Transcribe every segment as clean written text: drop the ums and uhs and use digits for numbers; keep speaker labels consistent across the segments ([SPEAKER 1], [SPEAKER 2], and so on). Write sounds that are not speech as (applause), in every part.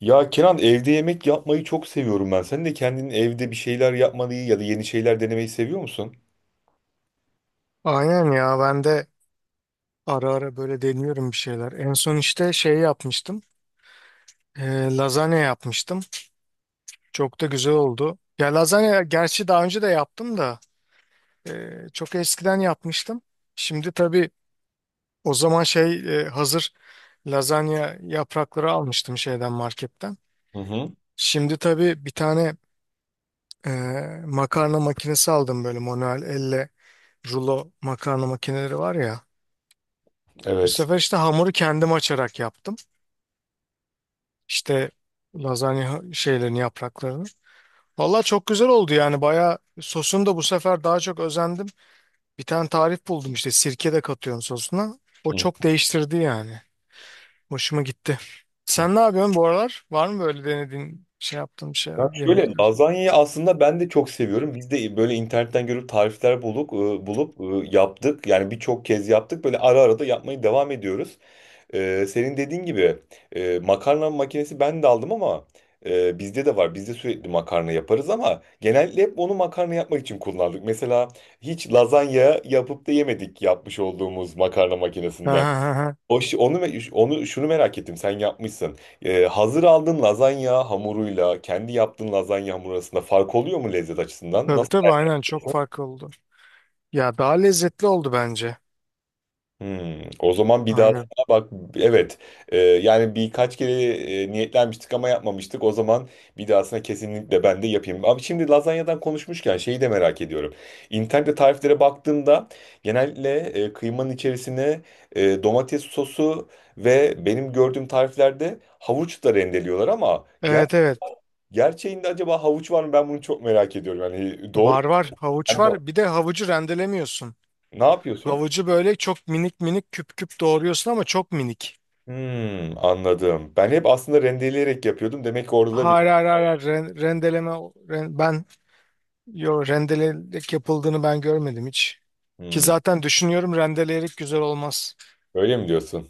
[SPEAKER 1] Ya Kenan evde yemek yapmayı çok seviyorum ben. Sen de kendin evde bir şeyler yapmayı ya da yeni şeyler denemeyi seviyor musun?
[SPEAKER 2] Aynen ya ben de ara ara böyle deniyorum bir şeyler. En son işte şey yapmıştım. Lazanya yapmıştım. Çok da güzel oldu. Ya lazanya gerçi daha önce de yaptım da çok eskiden yapmıştım. Şimdi tabii o zaman şey hazır lazanya yaprakları almıştım şeyden marketten.
[SPEAKER 1] Hı hı.
[SPEAKER 2] Şimdi tabii bir tane e, makarna makinesi aldım böyle manuel elle rulo makarna makineleri var ya. Bu
[SPEAKER 1] Evet.
[SPEAKER 2] sefer işte hamuru kendim açarak yaptım. İşte lazanya şeylerini, yapraklarını. Vallahi çok güzel oldu yani bayağı sosunu da bu sefer daha çok özendim. Bir tane tarif buldum işte sirke de katıyorum sosuna. O
[SPEAKER 1] Hı.
[SPEAKER 2] çok değiştirdi yani. Hoşuma gitti. Sen ne yapıyorsun bu aralar? Var mı böyle denediğin şey yaptığın şeyler,
[SPEAKER 1] Ya şöyle
[SPEAKER 2] yemekler?
[SPEAKER 1] lazanyayı aslında ben de çok seviyorum. Biz de böyle internetten görüp tarifler bulup yaptık. Yani birçok kez yaptık. Böyle ara ara da yapmayı devam ediyoruz. Senin dediğin gibi makarna makinesi ben de aldım ama bizde de var. Bizde sürekli makarna yaparız ama genellikle hep onu makarna yapmak için kullandık. Mesela hiç lazanya yapıp da yemedik yapmış olduğumuz makarna
[SPEAKER 2] Ha,
[SPEAKER 1] makinesinden.
[SPEAKER 2] ha, ha, ha.
[SPEAKER 1] O, şi- onu, me- Onu şunu merak ettim sen yapmışsın. Hazır aldığın lazanya hamuruyla kendi yaptığın lazanya hamuru arasında fark oluyor mu lezzet açısından?
[SPEAKER 2] Tabii
[SPEAKER 1] Nasıl?
[SPEAKER 2] tabii aynen çok farklı oldu. Ya daha lezzetli oldu bence.
[SPEAKER 1] Hmm, o zaman bir daha
[SPEAKER 2] Aynen.
[SPEAKER 1] sana bak, evet. Yani birkaç kere niyetlenmiştik ama yapmamıştık. O zaman bir dahasına kesinlikle ben de yapayım. Abi şimdi lazanyadan konuşmuşken şeyi de merak ediyorum. İnternette tariflere baktığımda genellikle kıymanın içerisine domates sosu ve benim gördüğüm tariflerde havuç da rendeliyorlar ama
[SPEAKER 2] Evet, evet.
[SPEAKER 1] gerçeğinde acaba havuç var mı, ben bunu çok merak ediyorum. Yani doğru
[SPEAKER 2] Var var havuç
[SPEAKER 1] sen de
[SPEAKER 2] var. Bir de havucu rendelemiyorsun.
[SPEAKER 1] ne yapıyorsun?
[SPEAKER 2] Havucu böyle çok minik minik küp küp doğruyorsun ama çok minik.
[SPEAKER 1] Hmm, anladım. Ben hep aslında rendeleyerek yapıyordum. Demek ki orada da bir...
[SPEAKER 2] Hayır, hayır, hayır, hayır. Ren- rendeleme ren- ben yo rendelek yapıldığını ben görmedim hiç. Ki
[SPEAKER 1] Hmm,
[SPEAKER 2] zaten düşünüyorum rendeleyerek güzel olmaz.
[SPEAKER 1] öyle mi diyorsun?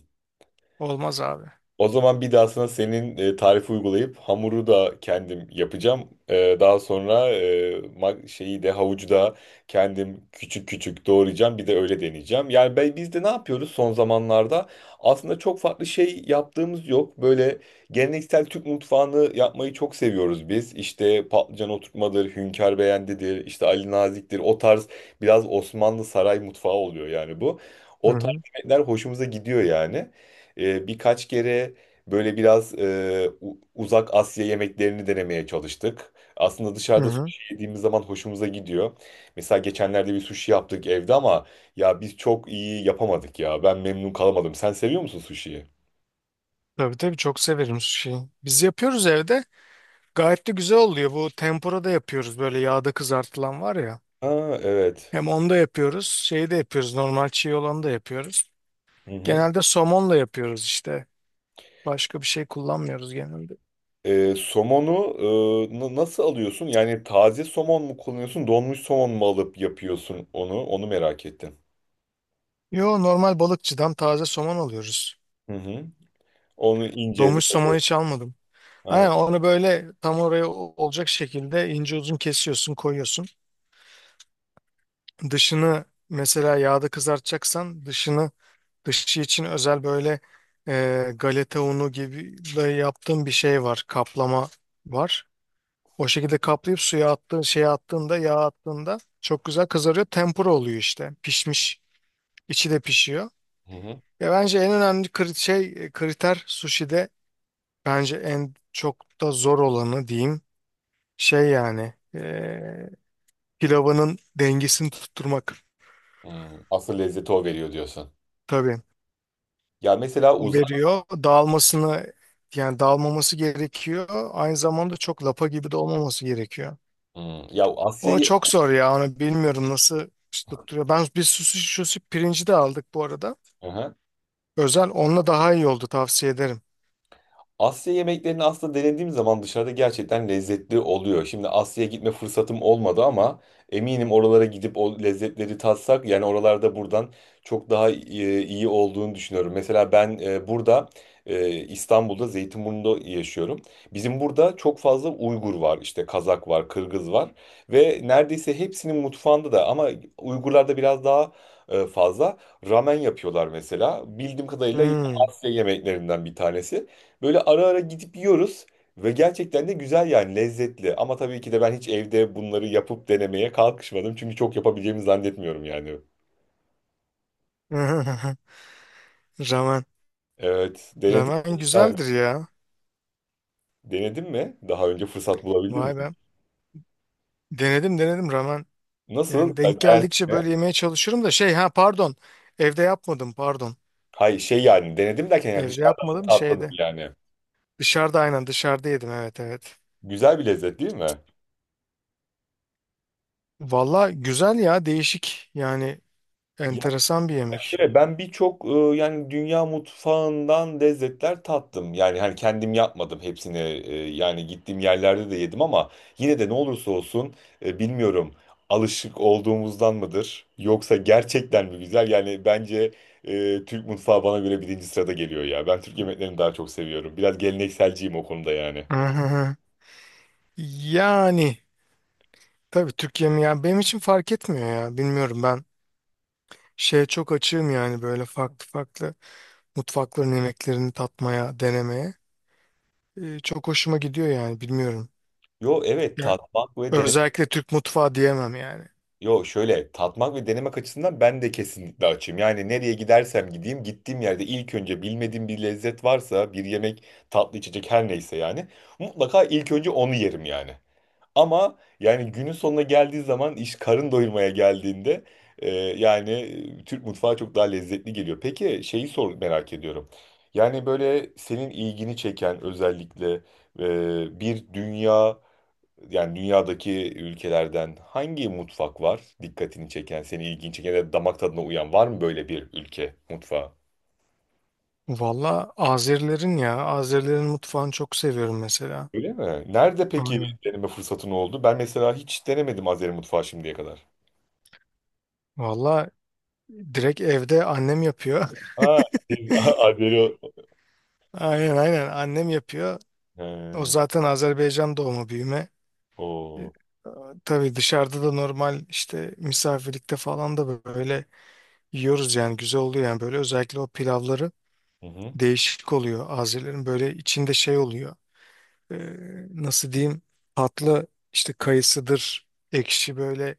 [SPEAKER 2] Olmaz abi.
[SPEAKER 1] O zaman bir daha sana senin tarifi uygulayıp hamuru da kendim yapacağım. Daha sonra şeyi de havucu da kendim küçük küçük doğrayacağım. Bir de öyle deneyeceğim. Yani biz de ne yapıyoruz son zamanlarda? Aslında çok farklı şey yaptığımız yok. Böyle geleneksel Türk mutfağını yapmayı çok seviyoruz biz. İşte patlıcan oturtmadır, hünkâr beğendidir, işte Ali Nazik'tir. O tarz biraz Osmanlı saray mutfağı oluyor yani bu.
[SPEAKER 2] Hı
[SPEAKER 1] O tarz
[SPEAKER 2] hı.
[SPEAKER 1] yemekler hoşumuza gidiyor yani. Birkaç kere böyle biraz uzak Asya yemeklerini denemeye çalıştık. Aslında
[SPEAKER 2] Hı
[SPEAKER 1] dışarıda
[SPEAKER 2] hı.
[SPEAKER 1] sushi yediğimiz zaman hoşumuza gidiyor. Mesela geçenlerde bir sushi yaptık evde ama ya biz çok iyi yapamadık ya. Ben memnun kalamadım. Sen seviyor musun sushi'yi?
[SPEAKER 2] Tabii tabii çok severim şeyi. Biz yapıyoruz evde. Gayet de güzel oluyor. Bu tempura da yapıyoruz. Böyle yağda kızartılan var ya.
[SPEAKER 1] Ha, evet.
[SPEAKER 2] Hem onu da yapıyoruz. Şeyi de yapıyoruz. Normal çiğ olanı da yapıyoruz.
[SPEAKER 1] Hı hı.
[SPEAKER 2] Genelde somonla yapıyoruz işte. Başka bir şey kullanmıyoruz genelde.
[SPEAKER 1] Somonu nasıl alıyorsun? Yani taze somon mu kullanıyorsun, donmuş somon mu alıp yapıyorsun onu? Onu merak ettim.
[SPEAKER 2] Yo normal balıkçıdan taze somon alıyoruz.
[SPEAKER 1] Hı hı. Onu ince
[SPEAKER 2] Donmuş somon
[SPEAKER 1] doğru.
[SPEAKER 2] hiç almadım. Aynen
[SPEAKER 1] Ha.
[SPEAKER 2] onu böyle tam oraya olacak şekilde ince uzun kesiyorsun, koyuyorsun. Dışını mesela yağda kızartacaksan dışı için özel böyle galeta unu gibi de yaptığın bir şey var, kaplama var. O şekilde kaplayıp suya attığın şeye attığında yağ attığında çok güzel kızarıyor. Tempura oluyor işte. Pişmiş. İçi de pişiyor.
[SPEAKER 1] Hı hı.
[SPEAKER 2] Ya bence en önemli şey kriter sushi'de bence en çok da zor olanı diyeyim şey yani pilavının dengesini tutturmak
[SPEAKER 1] Hmm, asıl lezzeti o veriyor diyorsun.
[SPEAKER 2] tabii.
[SPEAKER 1] Ya mesela
[SPEAKER 2] O
[SPEAKER 1] uzak.
[SPEAKER 2] veriyor. Dağılmasını yani dağılmaması gerekiyor. Aynı zamanda çok lapa gibi de olmaması gerekiyor.
[SPEAKER 1] Hmm, ya
[SPEAKER 2] O
[SPEAKER 1] Asya'yı.
[SPEAKER 2] çok zor ya. Onu bilmiyorum nasıl tutturuyor. Ben bir sushi pirinci de aldık bu arada.
[SPEAKER 1] Hı hı.
[SPEAKER 2] Özel onunla daha iyi oldu, tavsiye ederim.
[SPEAKER 1] Asya yemeklerini aslında denediğim zaman dışarıda gerçekten lezzetli oluyor. Şimdi Asya'ya gitme fırsatım olmadı ama eminim oralara gidip o lezzetleri tatsak yani oralarda buradan çok daha iyi olduğunu düşünüyorum. Mesela ben burada İstanbul'da Zeytinburnu'nda yaşıyorum. Bizim burada çok fazla Uygur var, işte Kazak var, Kırgız var ve neredeyse hepsinin mutfağında da ama Uygurlarda biraz daha fazla ramen yapıyorlar mesela. Bildiğim kadarıyla yine
[SPEAKER 2] Hmm.
[SPEAKER 1] Asya yemeklerinden bir tanesi. Böyle ara ara gidip yiyoruz ve gerçekten de güzel yani lezzetli. Ama tabii ki de ben hiç evde bunları yapıp denemeye kalkışmadım. Çünkü çok yapabileceğimi zannetmiyorum yani.
[SPEAKER 2] (laughs) Ramen.
[SPEAKER 1] Evet, denedin
[SPEAKER 2] Ramen
[SPEAKER 1] mi? Ha,
[SPEAKER 2] güzeldir ya.
[SPEAKER 1] denedin mi? Daha önce fırsat bulabildin mi?
[SPEAKER 2] Vay be. Denedim ramen.
[SPEAKER 1] Nasıl?
[SPEAKER 2] Yani
[SPEAKER 1] Yani
[SPEAKER 2] denk
[SPEAKER 1] beğendin
[SPEAKER 2] geldikçe
[SPEAKER 1] mi?
[SPEAKER 2] böyle yemeye çalışırım da şey, ha pardon. Evde yapmadım pardon.
[SPEAKER 1] Hayır şey yani denedim derken yani
[SPEAKER 2] Evde
[SPEAKER 1] dışarıdan
[SPEAKER 2] yapmadım
[SPEAKER 1] tatladım
[SPEAKER 2] şeyde.
[SPEAKER 1] yani.
[SPEAKER 2] Dışarıda aynen dışarıda yedim, evet, evet.
[SPEAKER 1] Güzel bir lezzet değil mi?
[SPEAKER 2] Valla güzel ya, değişik yani
[SPEAKER 1] Ya
[SPEAKER 2] enteresan bir yemek.
[SPEAKER 1] şöyle, ben birçok yani dünya mutfağından lezzetler tattım. Yani hani kendim yapmadım hepsini. Yani gittiğim yerlerde de yedim ama yine de ne olursa olsun bilmiyorum, alışık olduğumuzdan mıdır yoksa gerçekten mi güzel? Yani bence Türk mutfağı bana göre birinci sırada geliyor ya. Ben Türk yemeklerini daha çok seviyorum. Biraz gelenekselciyim o konuda yani.
[SPEAKER 2] Hı hı hı. Yani tabii Türk yemeği yani benim için fark etmiyor ya, bilmiyorum, ben şeye çok açığım yani böyle farklı farklı mutfakların yemeklerini tatmaya denemeye. Çok hoşuma gidiyor yani bilmiyorum.
[SPEAKER 1] Yo evet,
[SPEAKER 2] Yani
[SPEAKER 1] tatmak ve denemek.
[SPEAKER 2] özellikle Türk mutfağı diyemem yani.
[SPEAKER 1] Yo şöyle tatmak ve denemek açısından ben de kesinlikle açım. Yani nereye gidersem gideyim gittiğim yerde ilk önce bilmediğim bir lezzet varsa, bir yemek, tatlı, içecek her neyse yani mutlaka ilk önce onu yerim yani. Ama yani günün sonuna geldiği zaman, iş karın doyurmaya geldiğinde e, yani Türk mutfağı çok daha lezzetli geliyor. Peki şeyi sor merak ediyorum. Yani böyle senin ilgini çeken özellikle bir yani dünyadaki ülkelerden hangi mutfak var dikkatini çeken, seni ilgini çeken ya da damak tadına uyan var mı böyle bir ülke mutfağı?
[SPEAKER 2] Valla Azerilerin ya Azerilerin mutfağını çok seviyorum mesela.
[SPEAKER 1] Öyle mi? Nerede peki
[SPEAKER 2] Aynen.
[SPEAKER 1] deneme fırsatın oldu? Ben mesela hiç denemedim Azeri mutfağı şimdiye kadar.
[SPEAKER 2] Valla direkt evde annem yapıyor.
[SPEAKER 1] Ha, siz
[SPEAKER 2] (laughs)
[SPEAKER 1] (laughs) Azeri...
[SPEAKER 2] Aynen aynen annem yapıyor.
[SPEAKER 1] He,
[SPEAKER 2] O zaten Azerbaycan doğumu büyüme. E,
[SPEAKER 1] o.
[SPEAKER 2] Tabii dışarıda da normal işte misafirlikte falan da böyle yiyoruz yani güzel oluyor yani böyle özellikle o pilavları
[SPEAKER 1] Hı hı.
[SPEAKER 2] değişik oluyor Azerilerin, böyle içinde şey oluyor. E, Nasıl diyeyim, tatlı işte kayısıdır, ekşi böyle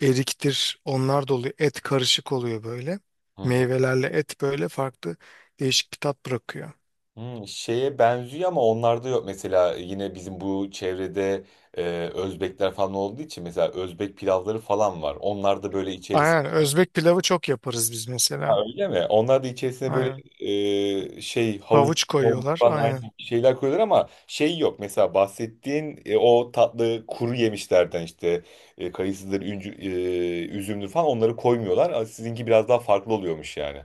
[SPEAKER 2] eriktir onlar da oluyor, et karışık oluyor böyle
[SPEAKER 1] Hı hı.
[SPEAKER 2] meyvelerle et, böyle farklı değişik bir tat bırakıyor.
[SPEAKER 1] Hı, şeye benziyor ama onlarda yok. Mesela yine bizim bu çevrede e, Özbekler falan olduğu için mesela Özbek pilavları falan var. Onlar da böyle.
[SPEAKER 2] Aynen, Özbek pilavı çok yaparız biz
[SPEAKER 1] Ha,
[SPEAKER 2] mesela.
[SPEAKER 1] öyle mi? Onlar da içerisine böyle
[SPEAKER 2] Aynen.
[SPEAKER 1] havuç,
[SPEAKER 2] Havuç koyuyorlar.
[SPEAKER 1] falan aynı
[SPEAKER 2] Aynen.
[SPEAKER 1] şeyler koyuyorlar ama şey yok. Mesela bahsettiğin o tatlı kuru yemişlerden işte kayısıdır, üncü, üzümdür falan, onları koymuyorlar. Ama sizinki biraz daha farklı oluyormuş yani.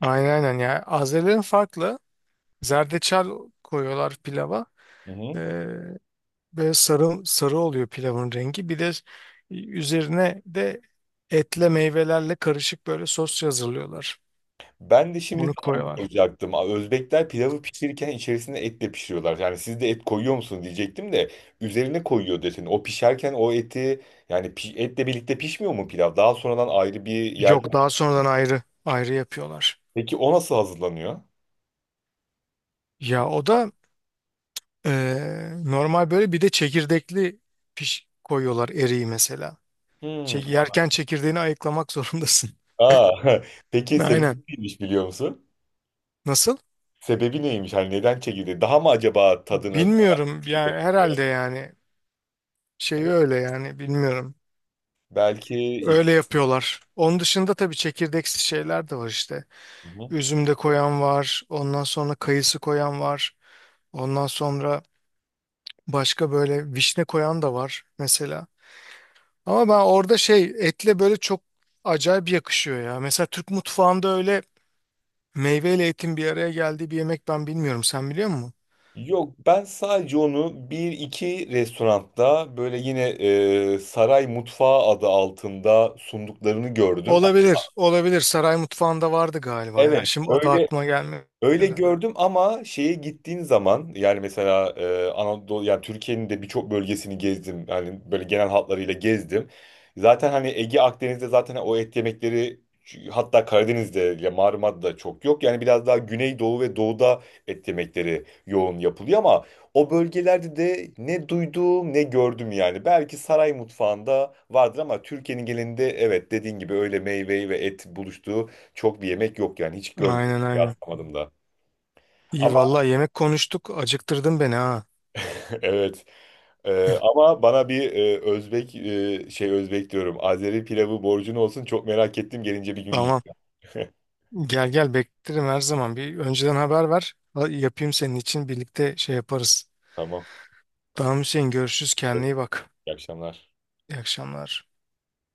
[SPEAKER 2] Aynen aynen. Yani Azerilerin farklı. Zerdeçal koyuyorlar pilava.
[SPEAKER 1] Hı hı.
[SPEAKER 2] Ee, Böyle sarı, sarı oluyor pilavın rengi. Bir de üzerine de etle meyvelerle karışık böyle sos hazırlıyorlar.
[SPEAKER 1] Ben de şimdi
[SPEAKER 2] Onu
[SPEAKER 1] tam onu
[SPEAKER 2] koyuyorlar.
[SPEAKER 1] soracaktım. Özbekler pilavı pişirirken içerisine et de pişiriyorlar. Yani siz de et koyuyor musun diyecektim de üzerine koyuyor dedin. O pişerken o eti yani etle birlikte pişmiyor mu pilav? Daha sonradan ayrı bir yerde?
[SPEAKER 2] Yok, daha sonradan ayrı ayrı yapıyorlar.
[SPEAKER 1] Peki o nasıl hazırlanıyor?
[SPEAKER 2] Ya o da normal böyle, bir de çekirdekli piş koyuyorlar eriği mesela.
[SPEAKER 1] Hmm.
[SPEAKER 2] Yerken çekirdeğini ayıklamak zorundasın.
[SPEAKER 1] Aa, (laughs) peki
[SPEAKER 2] (laughs)
[SPEAKER 1] sebebi
[SPEAKER 2] Aynen.
[SPEAKER 1] neymiş biliyor musun?
[SPEAKER 2] Nasıl?
[SPEAKER 1] Sebebi neymiş? Hani neden çekildi? Daha mı acaba tadını daha
[SPEAKER 2] Bilmiyorum
[SPEAKER 1] iyi
[SPEAKER 2] yani,
[SPEAKER 1] bırakıyor?
[SPEAKER 2] herhalde yani şey
[SPEAKER 1] Evet,
[SPEAKER 2] öyle yani, bilmiyorum.
[SPEAKER 1] belki iç.
[SPEAKER 2] Öyle yapıyorlar. Onun dışında tabii çekirdeksi şeyler de var işte.
[SPEAKER 1] Hı hı.
[SPEAKER 2] Üzüm de koyan var. Ondan sonra kayısı koyan var. Ondan sonra başka böyle vişne koyan da var mesela. Ama ben orada şey etle böyle çok acayip yakışıyor ya. Mesela Türk mutfağında öyle meyveyle etin bir araya geldiği bir yemek ben bilmiyorum. Sen biliyor musun?
[SPEAKER 1] Yok ben sadece onu bir iki restoranda böyle yine saray mutfağı adı altında sunduklarını gördüm.
[SPEAKER 2] Olabilir, olabilir. Saray mutfağında vardı galiba ya.
[SPEAKER 1] Evet
[SPEAKER 2] Şimdi adı
[SPEAKER 1] öyle,
[SPEAKER 2] aklıma gelmedi.
[SPEAKER 1] öyle gördüm ama şeye gittiğin zaman yani mesela Anadolu yani Türkiye'nin de birçok bölgesini gezdim. Yani böyle genel hatlarıyla gezdim. Zaten hani Ege Akdeniz'de zaten o et yemekleri, hatta Karadeniz'de ya Marmara'da çok yok. Yani biraz daha Güneydoğu ve Doğu'da et yemekleri yoğun yapılıyor ama o bölgelerde de ne duydum ne gördüm yani. Belki saray mutfağında vardır ama Türkiye'nin genelinde evet, dediğin gibi öyle meyve ve et buluştuğu çok bir yemek yok yani hiç görmedim
[SPEAKER 2] Aynen aynen.
[SPEAKER 1] rastlamadım da.
[SPEAKER 2] İyi
[SPEAKER 1] Ama
[SPEAKER 2] vallahi yemek konuştuk. Acıktırdın beni ha.
[SPEAKER 1] (laughs) evet. Ama bana bir e, Özbek e, şey Özbek diyorum, Azeri pilavı borcun olsun. Çok merak ettim. Gelince bir gün yiyeyim.
[SPEAKER 2] Tamam.
[SPEAKER 1] (laughs)
[SPEAKER 2] Gel gel, beklerim her zaman. Bir önceden haber ver. Yapayım senin için, birlikte şey yaparız.
[SPEAKER 1] Tamam.
[SPEAKER 2] Tamam Hüseyin, görüşürüz.
[SPEAKER 1] Evet,
[SPEAKER 2] Kendine iyi bak.
[SPEAKER 1] İyi akşamlar.
[SPEAKER 2] İyi akşamlar.